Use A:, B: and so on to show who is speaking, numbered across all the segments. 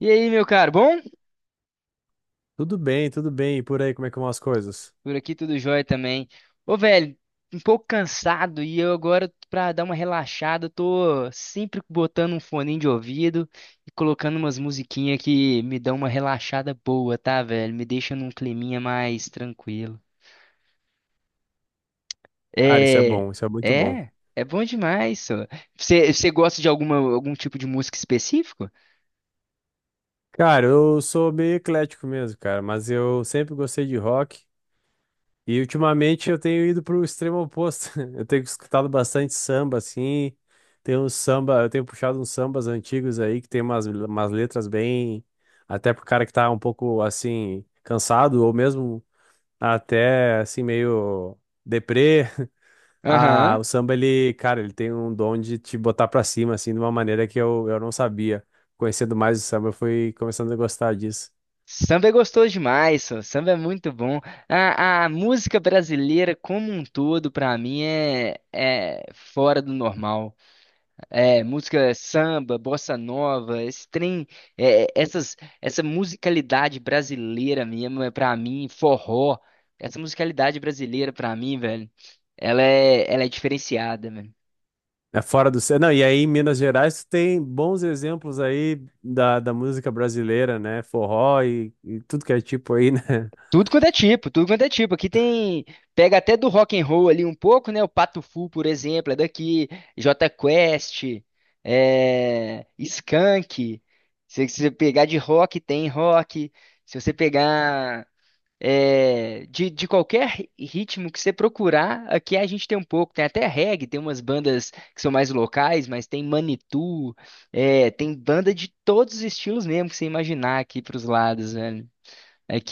A: E aí, meu caro, bom?
B: Tudo bem, tudo bem. E por aí, como é que vão as coisas?
A: Por aqui tudo jóia também. Ô, velho, um pouco cansado e eu agora, pra dar uma relaxada, tô sempre botando um foninho de ouvido e colocando umas musiquinhas que me dão uma relaxada boa, tá, velho? Me deixa num climinha mais tranquilo.
B: Cara, isso é
A: É,
B: bom, isso é muito bom.
A: é bom demais, só. Você gosta de algum tipo de música específico?
B: Cara, eu sou meio eclético mesmo, cara, mas eu sempre gostei de rock. E ultimamente eu tenho ido pro extremo oposto. Eu tenho escutado bastante samba, assim. Tem um samba, eu tenho puxado uns sambas antigos aí, que tem umas letras bem. Até pro cara que tá um pouco, assim, cansado, ou mesmo até, assim, meio deprê. Ah,
A: Aham.
B: o samba, ele, cara, ele tem um dom de te botar pra cima, assim, de uma maneira que eu não sabia. Conhecendo mais o samba, eu fui começando a gostar disso.
A: Samba é gostoso demais, só. Samba é muito bom. A música brasileira como um todo, pra mim, é fora do normal. É, música samba, bossa nova, esse trem, essa musicalidade brasileira mesmo, é pra mim, forró, essa musicalidade brasileira pra mim, velho, ela é diferenciada.
B: É fora do... Não, e aí em Minas Gerais tu tem bons exemplos aí da música brasileira, né? Forró e tudo que é tipo aí, né?
A: Tudo quanto é tipo, tudo quanto é tipo. Aqui tem, pega até do rock and roll ali um pouco, né? O Pato Fu, por exemplo, é daqui, Jota Quest, Skank. Se você pegar de rock, tem rock. Se você pegar de qualquer ritmo que você procurar, aqui a gente tem um pouco. Tem até reggae, tem umas bandas que são mais locais, mas tem Manitou, é, tem banda de todos os estilos mesmo que você imaginar aqui pros lados, velho.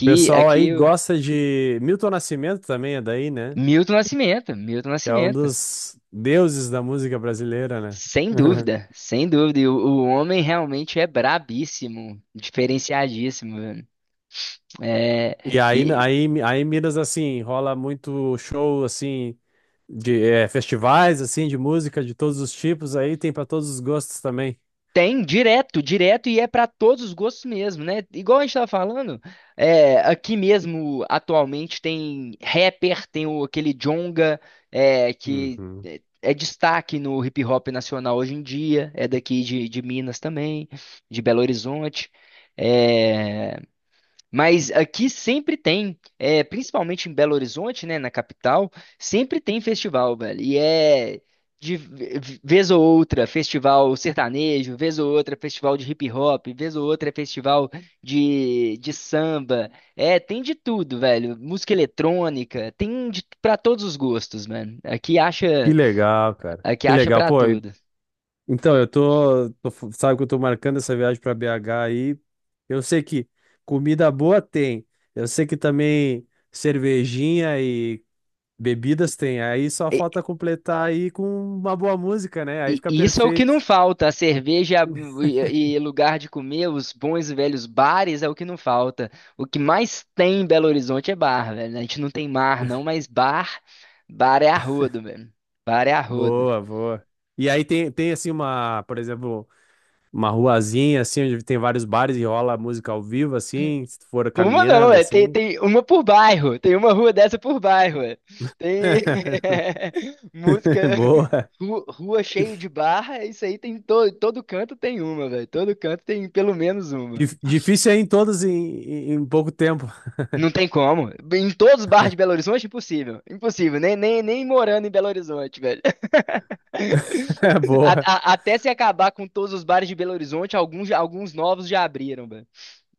B: O pessoal aí
A: Aqui.
B: gosta de... Milton Nascimento também é daí, né?
A: Milton Nascimento, Milton
B: Que é um
A: Nascimento.
B: dos deuses da música brasileira, né?
A: Sem dúvida, sem dúvida. E o homem realmente é brabíssimo, diferenciadíssimo, velho. É,
B: E aí,
A: e
B: aí, aí em Minas, assim, rola muito show, assim, de festivais, assim, de música de todos os tipos, aí tem para todos os gostos também.
A: tem direto, direto, e é para todos os gostos mesmo, né? Igual a gente tava falando, é, aqui mesmo, atualmente, tem rapper, tem aquele Djonga, é,
B: Uhum.
A: é destaque no hip hop nacional hoje em dia, é daqui de Minas também, de Belo Horizonte. É, mas aqui sempre tem, é, principalmente em Belo Horizonte, né, na capital, sempre tem festival, velho. E é de vez ou outra festival sertanejo, vez ou outra festival de hip hop, vez ou outra festival de samba. É, tem de tudo, velho. Música eletrônica, tem de, para todos os gostos, mano.
B: Que legal, cara.
A: Aqui
B: Que
A: acha
B: legal.
A: para
B: Pô,
A: tudo.
B: então, eu sabe que eu tô marcando essa viagem para BH aí. Eu sei que comida boa tem. Eu sei que também cervejinha e bebidas tem, aí só falta completar aí com uma boa música, né? Aí
A: E
B: fica
A: e isso é o que não
B: perfeito.
A: falta, a cerveja e lugar de comer, os bons e velhos bares é o que não falta. O que mais tem em Belo Horizonte é bar, velho. A gente não tem mar não, mas bar, bar é arrodo, velho. Bar é arrodo.
B: Boa, boa. E aí tem, assim uma, por exemplo, uma ruazinha assim, onde tem vários bares e rola música ao vivo, assim, se tu for
A: Uma não,
B: caminhando,
A: é,
B: assim.
A: tem uma por bairro, tem uma rua dessa por bairro, é. Tem música,
B: Boa.
A: rua cheio de barra, isso aí tem todo canto tem uma, velho. Todo canto tem pelo menos uma.
B: Difícil é em todos em, em pouco tempo.
A: Não tem como. Em todos os bares de Belo Horizonte, impossível. Impossível. Nem morando em Belo Horizonte, velho.
B: Boa.
A: Até se acabar com todos os bares de Belo Horizonte, alguns, alguns novos já abriram, velho.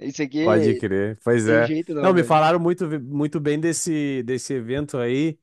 A: Isso
B: Pode
A: aqui
B: crer. Pois
A: tem
B: é.
A: jeito
B: Não,
A: não,
B: me
A: velho.
B: falaram muito, muito bem desse evento aí.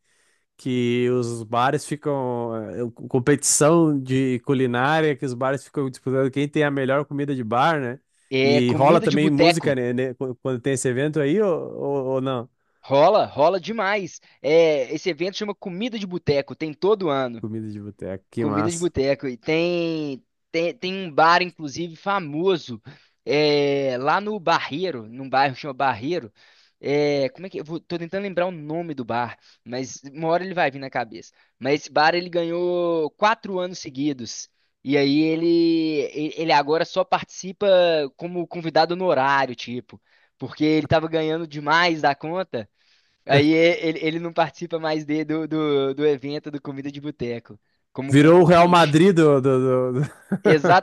B: Que os bares ficam competição de culinária, que os bares ficam disputando quem tem a melhor comida de bar, né?
A: É
B: E rola
A: comida de
B: também música,
A: boteco.
B: né, quando tem esse evento aí, ou não?
A: Rola, rola demais. É, esse evento chama Comida de Boteco, tem todo ano.
B: Comida de boteco, que
A: Comida de
B: massa.
A: boteco. E tem, tem um bar, inclusive, famoso, é, lá no Barreiro, num bairro que chama Barreiro. É, como é que. Tô tentando lembrar o nome do bar, mas uma hora ele vai vir na cabeça. Mas esse bar ele ganhou quatro anos seguidos. E aí ele, ele agora só participa como convidado honorário, tipo. Porque ele tava ganhando demais da conta. Aí é, ele não participa mais do evento do Comida de Boteco, como
B: Virou o Real
A: concorrente.
B: Madrid do, do, do,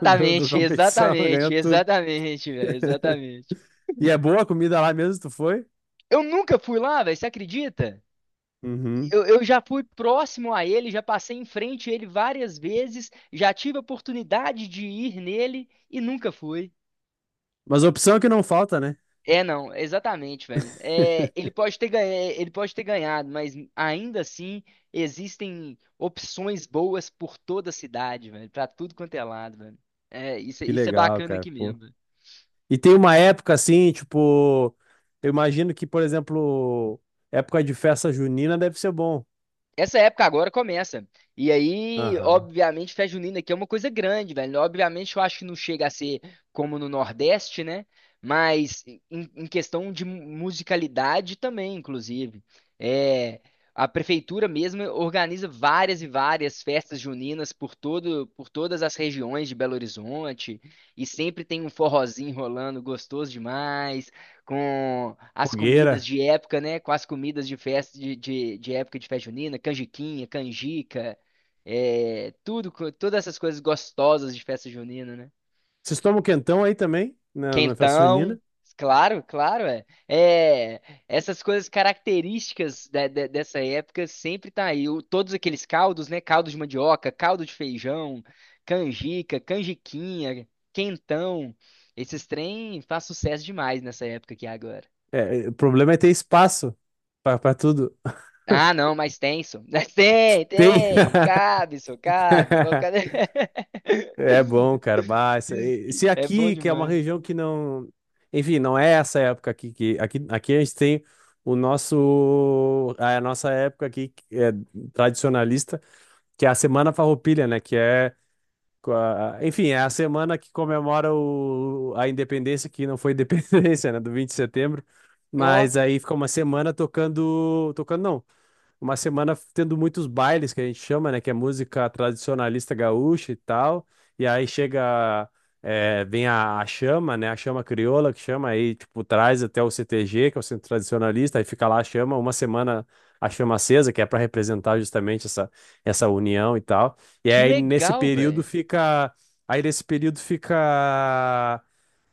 B: do, do competição, ganhou
A: exatamente,
B: tudo.
A: exatamente, velho, exatamente.
B: E é boa a comida lá mesmo, tu foi?
A: Eu nunca fui lá, velho, você acredita?
B: Uhum.
A: Eu já fui próximo a ele, já passei em frente a ele várias vezes, já tive a oportunidade de ir nele e nunca fui.
B: Mas a opção é que não falta, né?
A: É, não, exatamente, velho. É, ele pode ter ele pode ter ganhado, mas ainda assim existem opções boas por toda a cidade, velho, pra tudo quanto é lado, velho. É,
B: Que
A: isso é
B: legal,
A: bacana
B: cara.
A: aqui
B: Pô.
A: mesmo.
B: E tem uma época assim, tipo, eu imagino que, por exemplo, época de festa junina deve ser bom.
A: Essa época agora começa. E aí,
B: Aham.
A: obviamente, festa junina aqui é uma coisa grande, velho. Obviamente, eu acho que não chega a ser como no Nordeste, né? Mas em questão de musicalidade também, inclusive. É, a prefeitura mesmo organiza várias e várias festas juninas por todo, por todas as regiões de Belo Horizonte. E sempre tem um forrozinho rolando, gostoso demais com as comidas
B: Fogueira.
A: de época, né? Com as comidas de de época de festa junina, canjiquinha, canjica, é, tudo, todas essas coisas gostosas de festa junina, né?
B: Vocês tomam quentão aí também, na festa
A: Quentão,
B: junina?
A: claro, claro, é. É, essas coisas características dessa época sempre tá aí. O- todos aqueles caldos, né? Caldo de mandioca, caldo de feijão, canjica, canjiquinha, quentão. Esses trem faz sucesso demais nessa época aqui agora.
B: O problema é ter espaço pra tudo.
A: Ah, não, mais tenso. Tem,
B: Tem.
A: tem. Cabe, só cabe. Pode ficar...
B: É bom, cara. Bah,
A: Diz que
B: se
A: é bom
B: aqui, que é uma
A: demais.
B: região que não. Enfim, não é essa época aqui que aqui a gente tem o nosso a nossa época aqui que é tradicionalista, que é a Semana Farroupilha, né, que é enfim, é a semana que comemora o... a independência, que não foi independência, né? Do 20 de setembro.
A: Ó,
B: Mas aí fica uma semana tocando. Tocando, não uma semana tendo muitos bailes que a gente chama, né? Que é música tradicionalista gaúcha e tal. E aí chega, é, vem a chama, né? A chama crioula que chama aí, tipo, traz até o CTG, que é o Centro Tradicionalista, aí fica lá a chama, uma semana a chama acesa, que é para representar justamente essa união e tal. E
A: que
B: aí nesse
A: legal,
B: período
A: velho.
B: fica. Aí nesse período fica.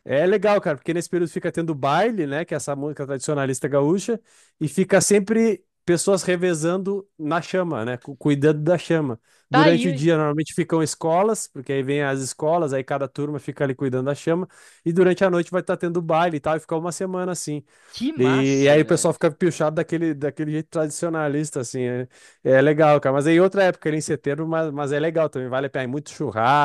B: É legal, cara, porque nesse período fica tendo baile, né, que é essa música tradicionalista gaúcha, e fica sempre pessoas revezando na chama, né, cuidando da chama.
A: Tá
B: Durante o
A: aí,
B: dia, normalmente ficam escolas, porque aí vem as escolas, aí cada turma fica ali cuidando da chama, e durante a noite vai estar tendo baile e tal, e fica uma semana assim.
A: que
B: E
A: massa,
B: aí o pessoal
A: velho.
B: fica pilchado daquele jeito tradicionalista, assim, é legal, cara. Mas aí outra época, ali em setembro, mas é legal também, vale a pena, é muito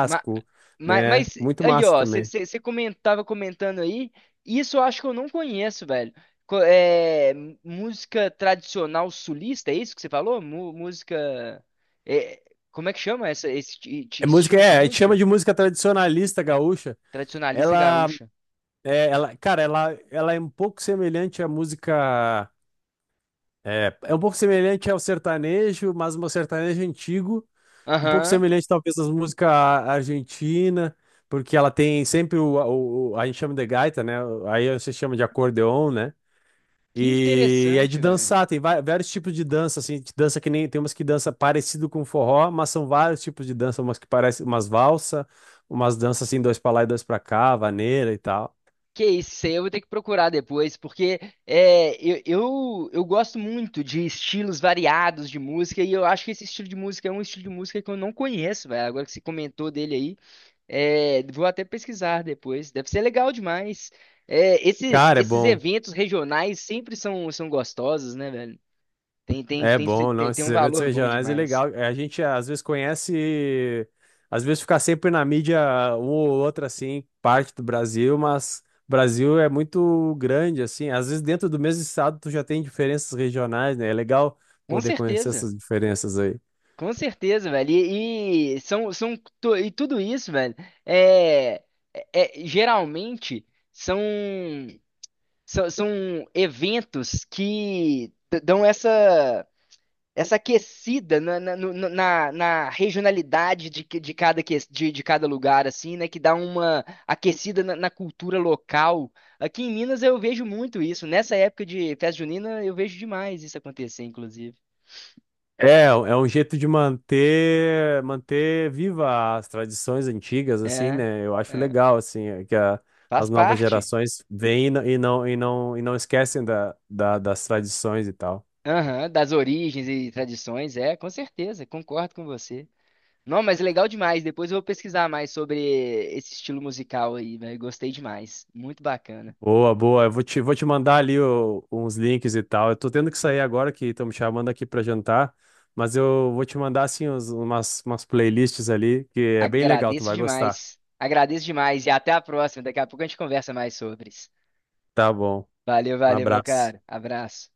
A: Ma-
B: né,
A: Mas,
B: muito
A: aí,
B: massa
A: ó,
B: também.
A: você comentava comentando aí, isso eu acho que eu não conheço, velho. Música tradicional sulista, é isso que você falou? É, Como é que chama
B: É música,
A: estilo de
B: é, a gente chama
A: música?
B: de música tradicionalista gaúcha.
A: Tradicionalista
B: Ela,
A: gaúcha.
B: é, ela, cara, ela é um pouco semelhante à música, um pouco semelhante ao sertanejo, mas um sertanejo antigo, um pouco
A: Aham.
B: semelhante talvez às músicas argentinas, porque ela tem sempre a gente chama de gaita, né? Aí você chama de acordeon, né?
A: Que
B: E é de
A: interessante, velho.
B: dançar, tem vários tipos de dança, assim, de dança que nem tem umas que dança parecido com forró, mas são vários tipos de dança, umas que parecem umas valsa, umas danças assim, dois pra lá e dois pra cá, vaneira e tal.
A: Que isso aí eu vou ter que procurar depois, porque eu gosto muito de estilos variados de música, e eu acho que esse estilo de música é um estilo de música que eu não conheço, velho. Agora que você comentou dele aí, é, vou até pesquisar depois. Deve ser legal demais. É,
B: Cara, é
A: esses
B: bom,
A: eventos regionais sempre são, são gostosos, né, velho?
B: é bom, não,
A: Tem
B: esses
A: um
B: eventos
A: valor bom
B: regionais é
A: demais.
B: legal. É, a gente às vezes conhece, às vezes fica sempre na mídia um ou outra assim, parte do Brasil, mas o Brasil é muito grande, assim, às vezes dentro do mesmo estado tu já tem diferenças regionais, né? É legal
A: Com
B: poder conhecer
A: certeza.
B: essas diferenças aí.
A: Com certeza, velho. E são, e tudo isso, velho, é, geralmente são, são, são eventos que dão essa essa aquecida na, na, no- no- na, na regionalidade de, que- de cada lugar, assim, né? Que dá uma aquecida na, na cultura local. Aqui em Minas eu vejo muito isso. Nessa época de festa junina eu vejo demais isso acontecer, inclusive.
B: É, é um jeito de manter viva as tradições antigas, assim,
A: É,
B: né? Eu acho
A: é.
B: legal, assim, é que
A: Faz
B: as novas
A: parte.
B: gerações vêm e não e não esquecem da, das tradições e tal.
A: Aham, das origens e tradições, é, com certeza, concordo com você. Não, mas legal demais. Depois eu vou pesquisar mais sobre esse estilo musical aí, velho. Gostei demais. Muito bacana.
B: Boa, boa. Eu vou te mandar ali uns links e tal. Eu tô tendo que sair agora que estão me chamando aqui pra jantar, mas eu vou te mandar, assim, umas playlists ali que é bem legal, tu
A: Agradeço
B: vai gostar.
A: demais. Agradeço demais e até a próxima. Daqui a pouco a gente conversa mais sobre isso.
B: Tá bom.
A: Valeu,
B: Um
A: valeu, meu
B: abraço.
A: caro. Abraço.